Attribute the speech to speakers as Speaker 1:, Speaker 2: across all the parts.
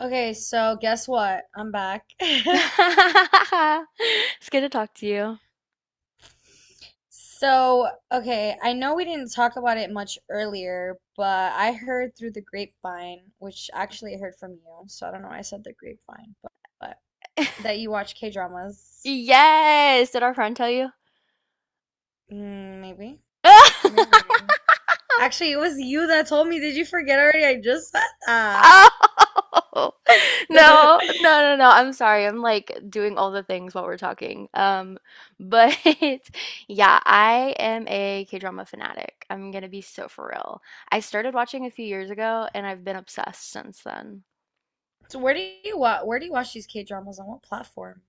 Speaker 1: Okay, so guess what? I'm back.
Speaker 2: It's good to talk to you.
Speaker 1: Okay, I know we didn't talk about it much earlier, but I heard through the grapevine, which actually I heard from you, so I don't know why I said the grapevine, but that you watch K-dramas.
Speaker 2: Yes! Did our friend tell you?
Speaker 1: Mm, maybe, maybe, maybe. Actually, it was you that told me. Did you forget already? I just said that.
Speaker 2: Oh! No, no, no, no. I'm sorry. I'm like doing all the things while we're talking. But yeah, I am a K-drama fanatic. I'm gonna be so for real. I started watching a few years ago and I've been obsessed since then.
Speaker 1: So where do you watch these K-dramas, on what platform?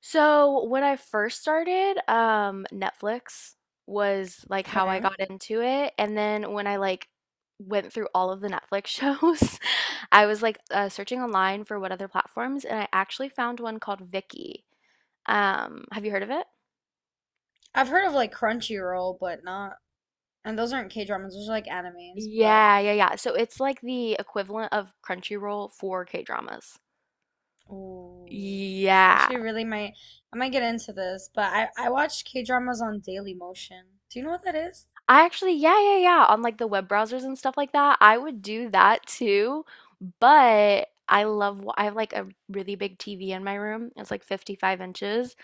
Speaker 2: So when I first started, Netflix was like how I
Speaker 1: Okay.
Speaker 2: got into it. And then when I like went through all of the Netflix shows, I was like searching online for what other platforms, and I actually found one called Viki. Have you heard of it?
Speaker 1: I've heard of like Crunchyroll, but not. And those aren't K dramas, those are like animes, but
Speaker 2: Yeah, yeah, yeah. So it's like the equivalent of Crunchyroll for K-dramas.
Speaker 1: ooh, I
Speaker 2: Yeah.
Speaker 1: actually really might I might get into this, but I watch K dramas on Daily Motion. Do you know what that is?
Speaker 2: Yeah, yeah, yeah. On like the web browsers and stuff like that, I would do that too. But I have like a really big TV in my room. It's like 55 inches.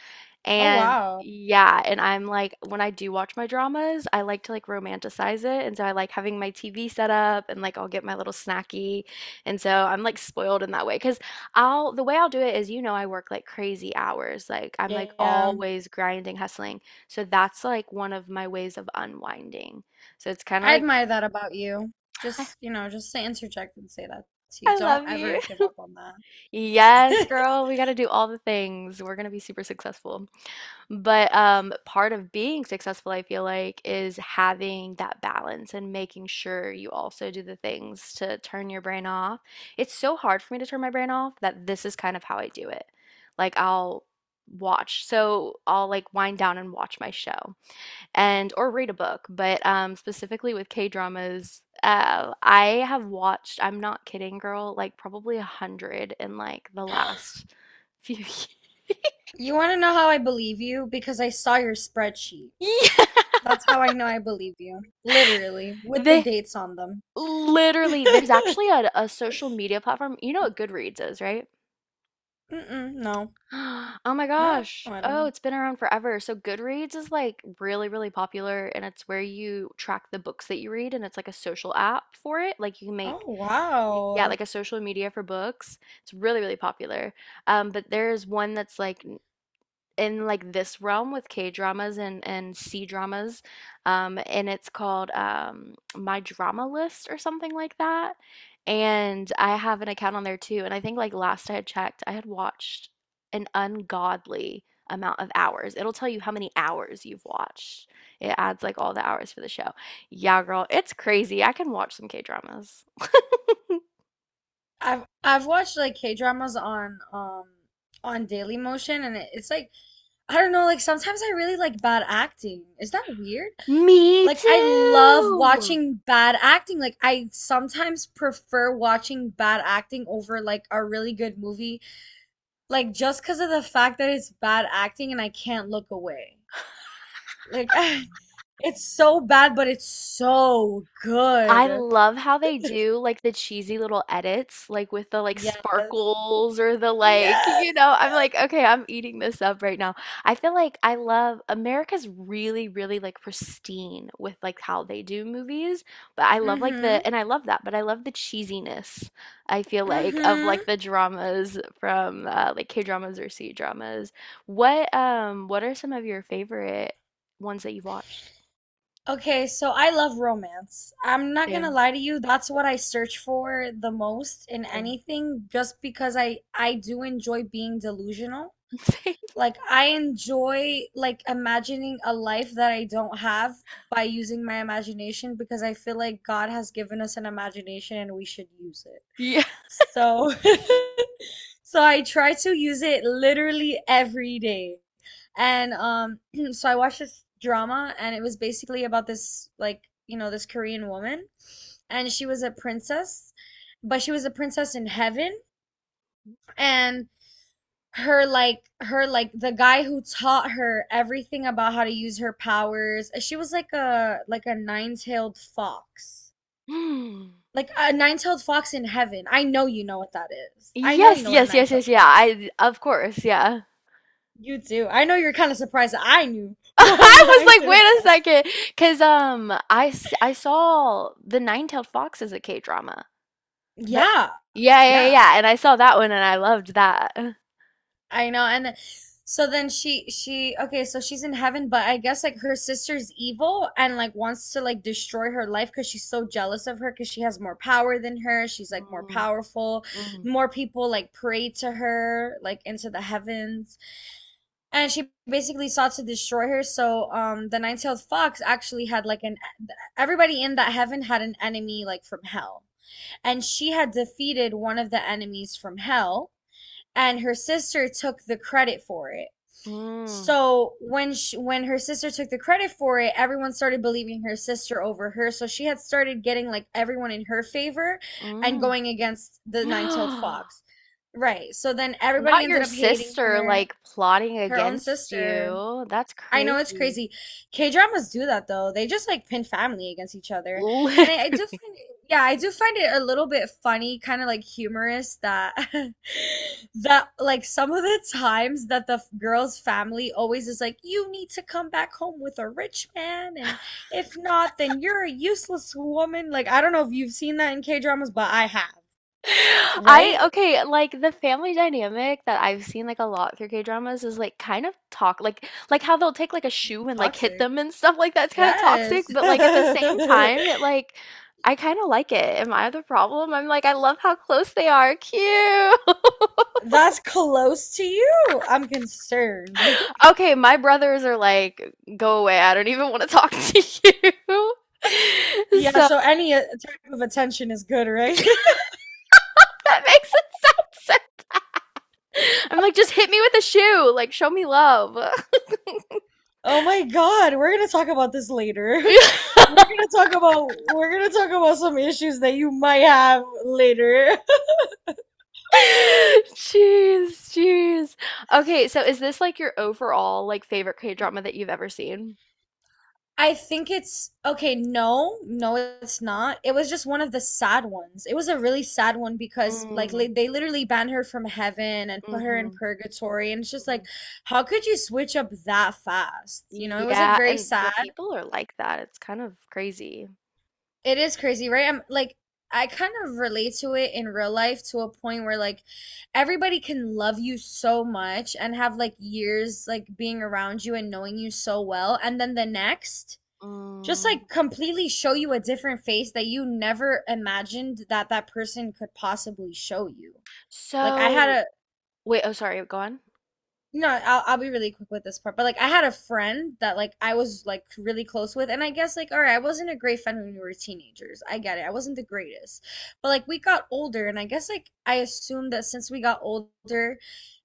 Speaker 1: Oh
Speaker 2: And
Speaker 1: wow.
Speaker 2: yeah, and I'm like, when I do watch my dramas, I like to like romanticize it. And so I like having my TV set up and like I'll get my little snacky. And so I'm like spoiled in that way, because 'Cause I'll the way I'll do it is, I work like crazy hours. Like I'm like
Speaker 1: Yeah.
Speaker 2: always grinding, hustling. So that's like one of my ways of unwinding. So it's kind of
Speaker 1: I
Speaker 2: like
Speaker 1: admire that about you. Just, just to interject and say that to you.
Speaker 2: I
Speaker 1: Don't
Speaker 2: love you.
Speaker 1: ever give up on that.
Speaker 2: Yes, girl, we got to do all the things. We're going to be super successful. But part of being successful, I feel like, is having that balance and making sure you also do the things to turn your brain off. It's so hard for me to turn my brain off that this is kind of how I do it. Like I'll so I'll like wind down and watch my show and or read a book. But specifically with K-dramas, I have watched, I'm not kidding, girl, like probably 100 in like the last few years.
Speaker 1: You want to know how I believe you? Because I saw your spreadsheet.
Speaker 2: Yeah.
Speaker 1: That's how I know I believe you. Literally, with the
Speaker 2: They
Speaker 1: dates on them.
Speaker 2: Literally, there's actually a social media platform. You know what Goodreads is, right?
Speaker 1: Mm-mm, no.
Speaker 2: Oh my
Speaker 1: No,
Speaker 2: gosh.
Speaker 1: I don't
Speaker 2: Oh,
Speaker 1: know.
Speaker 2: it's been around forever. So Goodreads is like really, really popular and it's where you track the books that you read and it's like a social app for it. Like you can make,
Speaker 1: Oh
Speaker 2: yeah,
Speaker 1: wow.
Speaker 2: like a social media for books. It's really, really popular. But there's one that's like in like this realm with K dramas and C dramas, and it's called My Drama List or something like that. And I have an account on there too. And I think like last I had checked, I had watched an ungodly amount of hours. It'll tell you how many hours you've watched. It adds like all the hours for the show. Yeah, girl, it's crazy. I can watch some K dramas.
Speaker 1: I've watched like K-dramas on Daily Motion, and it's like I don't know, like sometimes I really like bad acting. Is that weird?
Speaker 2: Me
Speaker 1: Like I love
Speaker 2: too.
Speaker 1: watching bad acting. Like I sometimes prefer watching bad acting over like a really good movie, like just because of the fact that it's bad acting and I can't look away. Like it's so bad but it's so
Speaker 2: I
Speaker 1: good.
Speaker 2: love how they do like the cheesy little edits, like with the like
Speaker 1: Yeah.
Speaker 2: sparkles or the like,
Speaker 1: Yes.
Speaker 2: you know, I'm
Speaker 1: Yeah.
Speaker 2: like, okay, I'm eating this up right now. I feel like I love America's really, really like pristine with like how they do movies, but I love like
Speaker 1: Mm-hmm.
Speaker 2: the, and I love that, but I love the cheesiness, I feel like, of
Speaker 1: Mm-hmm.
Speaker 2: like the dramas from like K-dramas or C-dramas. What are some of your favorite ones that you've watched?
Speaker 1: Okay, so I love romance. I'm not gonna
Speaker 2: Same,
Speaker 1: lie to you, that's what I search for the most in
Speaker 2: same,
Speaker 1: anything, just because I do enjoy being delusional.
Speaker 2: same.
Speaker 1: Like I enjoy like imagining a life that I don't have by using my imagination, because I feel like God has given us an imagination and we should use it.
Speaker 2: Yeah.
Speaker 1: So so I try to use it literally every day. And so I watched this drama and it was basically about this, like, you know, this Korean woman, and she was a princess, but she was a princess in heaven, and her like the guy who taught her everything about how to use her powers. She was like a nine-tailed fox.
Speaker 2: Hmm.
Speaker 1: Like a nine-tailed fox in heaven. I know you know what that is. I know you
Speaker 2: Yes,
Speaker 1: know what a
Speaker 2: yes, yes,
Speaker 1: nine-tailed
Speaker 2: yes, yeah.
Speaker 1: fox.
Speaker 2: I Of course, yeah.
Speaker 1: You do. I know you're kind of surprised that I knew what a
Speaker 2: I was
Speaker 1: nine
Speaker 2: like,
Speaker 1: tailed fox.
Speaker 2: wait a second, because I saw the Nine Tailed Fox as a K drama, but
Speaker 1: Yeah,
Speaker 2: yeah, yeah,
Speaker 1: yeah,
Speaker 2: yeah, and I saw that one and I loved that.
Speaker 1: I know. And then, so then she okay, so she's in heaven, but I guess like her sister's evil and like wants to like destroy her life because she's so jealous of her, because she has more power than her. She's like more
Speaker 2: Mm,
Speaker 1: powerful.
Speaker 2: mm,
Speaker 1: More people like pray to her like into the heavens. And she basically sought to destroy her. So the nine-tailed fox actually had like an everybody in that heaven had an enemy like from hell. And she had defeated one of the enemies from hell, and her sister took the credit for it.
Speaker 2: mm,
Speaker 1: So when her sister took the credit for it, everyone started believing her sister over her, so she had started getting like everyone in her favor and
Speaker 2: mm.
Speaker 1: going against the nine-tailed fox, right? So then everybody
Speaker 2: Not your
Speaker 1: ended up hating
Speaker 2: sister
Speaker 1: her.
Speaker 2: like plotting
Speaker 1: Her own
Speaker 2: against
Speaker 1: sister.
Speaker 2: you. That's
Speaker 1: I know it's
Speaker 2: crazy.
Speaker 1: crazy. K-dramas do that though. They just like pin family against each other. And I do
Speaker 2: Literally.
Speaker 1: find it, yeah, I do find it a little bit funny, kind of like humorous that that like some of the times that the girl's family always is like, "You need to come back home with a rich man, and if not, then you're a useless woman." Like, I don't know if you've seen that in K-dramas, but I have,
Speaker 2: I
Speaker 1: right?
Speaker 2: Okay, like the family dynamic that I've seen like a lot through K-dramas is like kind of talk like how they'll take like a shoe and like hit
Speaker 1: Toxic.
Speaker 2: them and stuff like that's kind of toxic,
Speaker 1: Yes.
Speaker 2: but like at the same time it like I kind of like it. Am I the problem? I'm like I love how close they are. Cute.
Speaker 1: That's close to you. I'm concerned.
Speaker 2: Okay, my brothers are like go away. I don't even want to talk to you.
Speaker 1: Yeah,
Speaker 2: So
Speaker 1: so any type of attention is good, right?
Speaker 2: that makes it sound so bad. I'm like just hit me with a shoe. Like show me love.
Speaker 1: Oh my God, we're gonna talk about this later. We're gonna talk about some issues that you might have later.
Speaker 2: Jeez, jeez. Okay, so is this like your overall like favorite K-drama that you've ever seen?
Speaker 1: I think it's okay, no, no, it's not. It was just one of the sad ones. It was a really sad one because like
Speaker 2: Mm,
Speaker 1: li they literally banned her from heaven and put her in
Speaker 2: mhm,
Speaker 1: purgatory, and it's just like
Speaker 2: mhm.
Speaker 1: how could you switch up that fast? You know, it was like
Speaker 2: Yeah,
Speaker 1: very
Speaker 2: and
Speaker 1: sad.
Speaker 2: but people are like that. It's kind of crazy.
Speaker 1: It is crazy, right? I'm like I kind of relate to it in real life, to a point where like everybody can love you so much and have like years like being around you and knowing you so well, and then the next just
Speaker 2: Mm.
Speaker 1: like completely show you a different face that you never imagined that that person could possibly show you. Like I
Speaker 2: So,
Speaker 1: had
Speaker 2: wait, oh sorry, go on.
Speaker 1: no, I'll be really quick with this part. But like I had a friend that like I was like really close with, and I guess like all right, I wasn't a great friend when we were teenagers. I get it. I wasn't the greatest. But like we got older, and I guess like I assumed that since we got older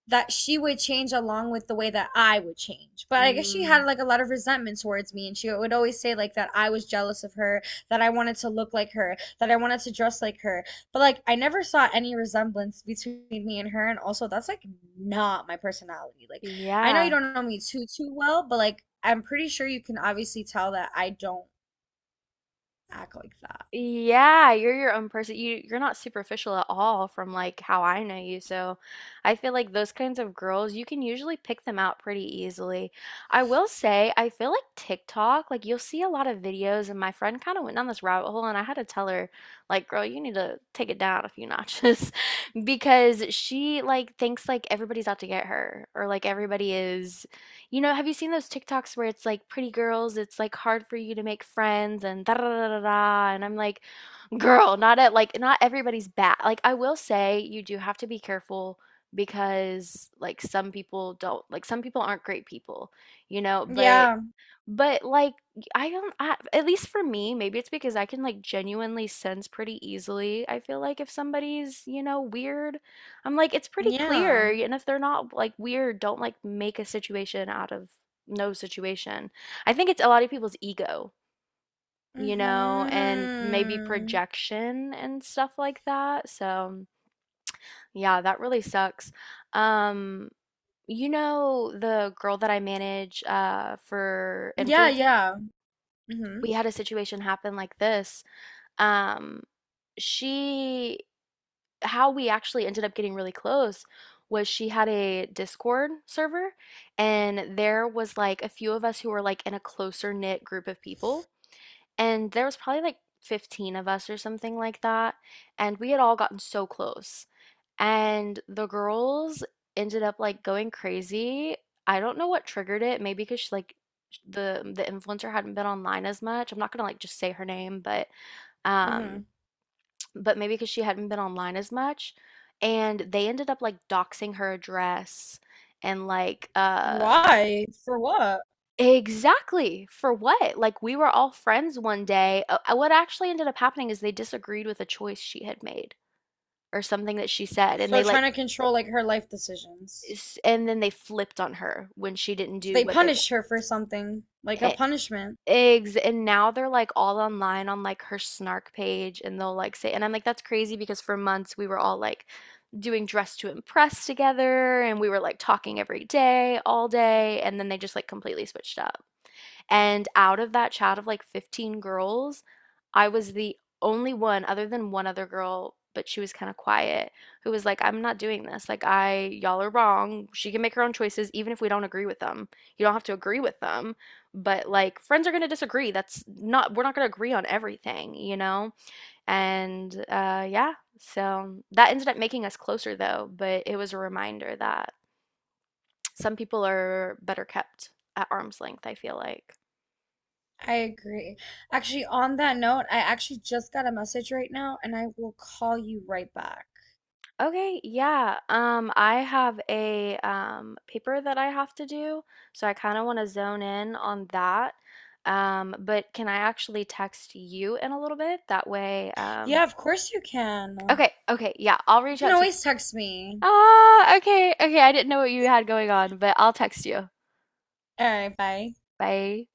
Speaker 1: that she would change along with the way that I would change. But I guess she
Speaker 2: Mm,
Speaker 1: had like a lot of resentment towards me, and she would always say like that I was jealous of her, that I wanted to look like her, that I wanted to dress like her. But like I never saw any resemblance between me and her, and also that's like not my personality. Like I know you
Speaker 2: yeah.
Speaker 1: don't know me too well, but like I'm pretty sure you can obviously tell that I don't act like that.
Speaker 2: Yeah, you're your own person. You're not superficial at all from like how I know you. So I feel like those kinds of girls, you can usually pick them out pretty easily. I will say, I feel like TikTok, like you'll see a lot of videos and my friend kind of went down this rabbit hole and I had to tell her like, girl, you need to take it down a few notches because she like thinks like everybody's out to get her or like everybody is, you know, have you seen those TikToks where it's like pretty girls it's like hard for you to make friends and da da da da da and I'm like girl not everybody's bad. Like I will say you do have to be careful because like some people don't like some people aren't great people, you know, but
Speaker 1: Yeah.
Speaker 2: but, like, I don't I at least for me, maybe it's because I can, like, genuinely sense pretty easily, I feel like if somebody's, weird, I'm like, "It's pretty
Speaker 1: Yeah.
Speaker 2: clear," and if they're not, like, weird, don't, like, make a situation out of no situation. I think it's a lot of people's ego, and maybe
Speaker 1: Hmm.
Speaker 2: projection and stuff like that, so, yeah, that really sucks. Um, you know the girl that I manage, for
Speaker 1: Yeah,
Speaker 2: influencing?
Speaker 1: yeah. Hmm.
Speaker 2: We had a situation happen like this. Um, she, how we actually ended up getting really close was she had a Discord server, and there was like a few of us who were like in a closer knit group of people, and there was probably like 15 of us or something like that, and we had all gotten so close. And the girls ended up, like, going crazy. I don't know what triggered it, maybe 'cause the influencer hadn't been online as much. I'm not gonna, like, just say her name, um
Speaker 1: Hmm.
Speaker 2: but maybe because she hadn't been online as much, and they ended up, like, doxing her address and, like, uh
Speaker 1: Why? For what?
Speaker 2: Exactly! For what? Like, we were all friends one day. What actually ended up happening is they disagreed with a choice she had made or something that she said, and
Speaker 1: So they're
Speaker 2: they, like,
Speaker 1: trying to control like her life decisions.
Speaker 2: and then they flipped on her when she didn't
Speaker 1: So
Speaker 2: do
Speaker 1: they
Speaker 2: what they
Speaker 1: punished her for something, like a
Speaker 2: wanted.
Speaker 1: punishment.
Speaker 2: Eggs, and now they're like all online on like her snark page, and they'll like say, and I'm like, that's crazy because for months we were all like doing dress to impress together, and we were like talking every day, all day, and then they just like completely switched up. And out of that chat of like 15 girls, I was the only one, other than one other girl, but she was kind of quiet, who was like, I'm not doing this. Like, y'all are wrong. She can make her own choices, even if we don't agree with them. You don't have to agree with them. But like, friends are going to disagree. That's not, we're not going to agree on everything, you know? And yeah, so that ended up making us closer though, but it was a reminder that some people are better kept at arm's length, I feel like.
Speaker 1: I agree. Actually, on that note, I actually just got a message right now and I will call you right back.
Speaker 2: Okay, yeah. I have a paper that I have to do, so I kind of want to zone in on that. But can I actually text you in a little bit?
Speaker 1: Yeah, of course you can.
Speaker 2: Okay, okay, yeah, I'll
Speaker 1: You
Speaker 2: reach
Speaker 1: can
Speaker 2: out to you.
Speaker 1: always text me.
Speaker 2: Ah, okay, okay, I didn't know what you had going on, but I'll text you.
Speaker 1: All right, bye.
Speaker 2: Bye.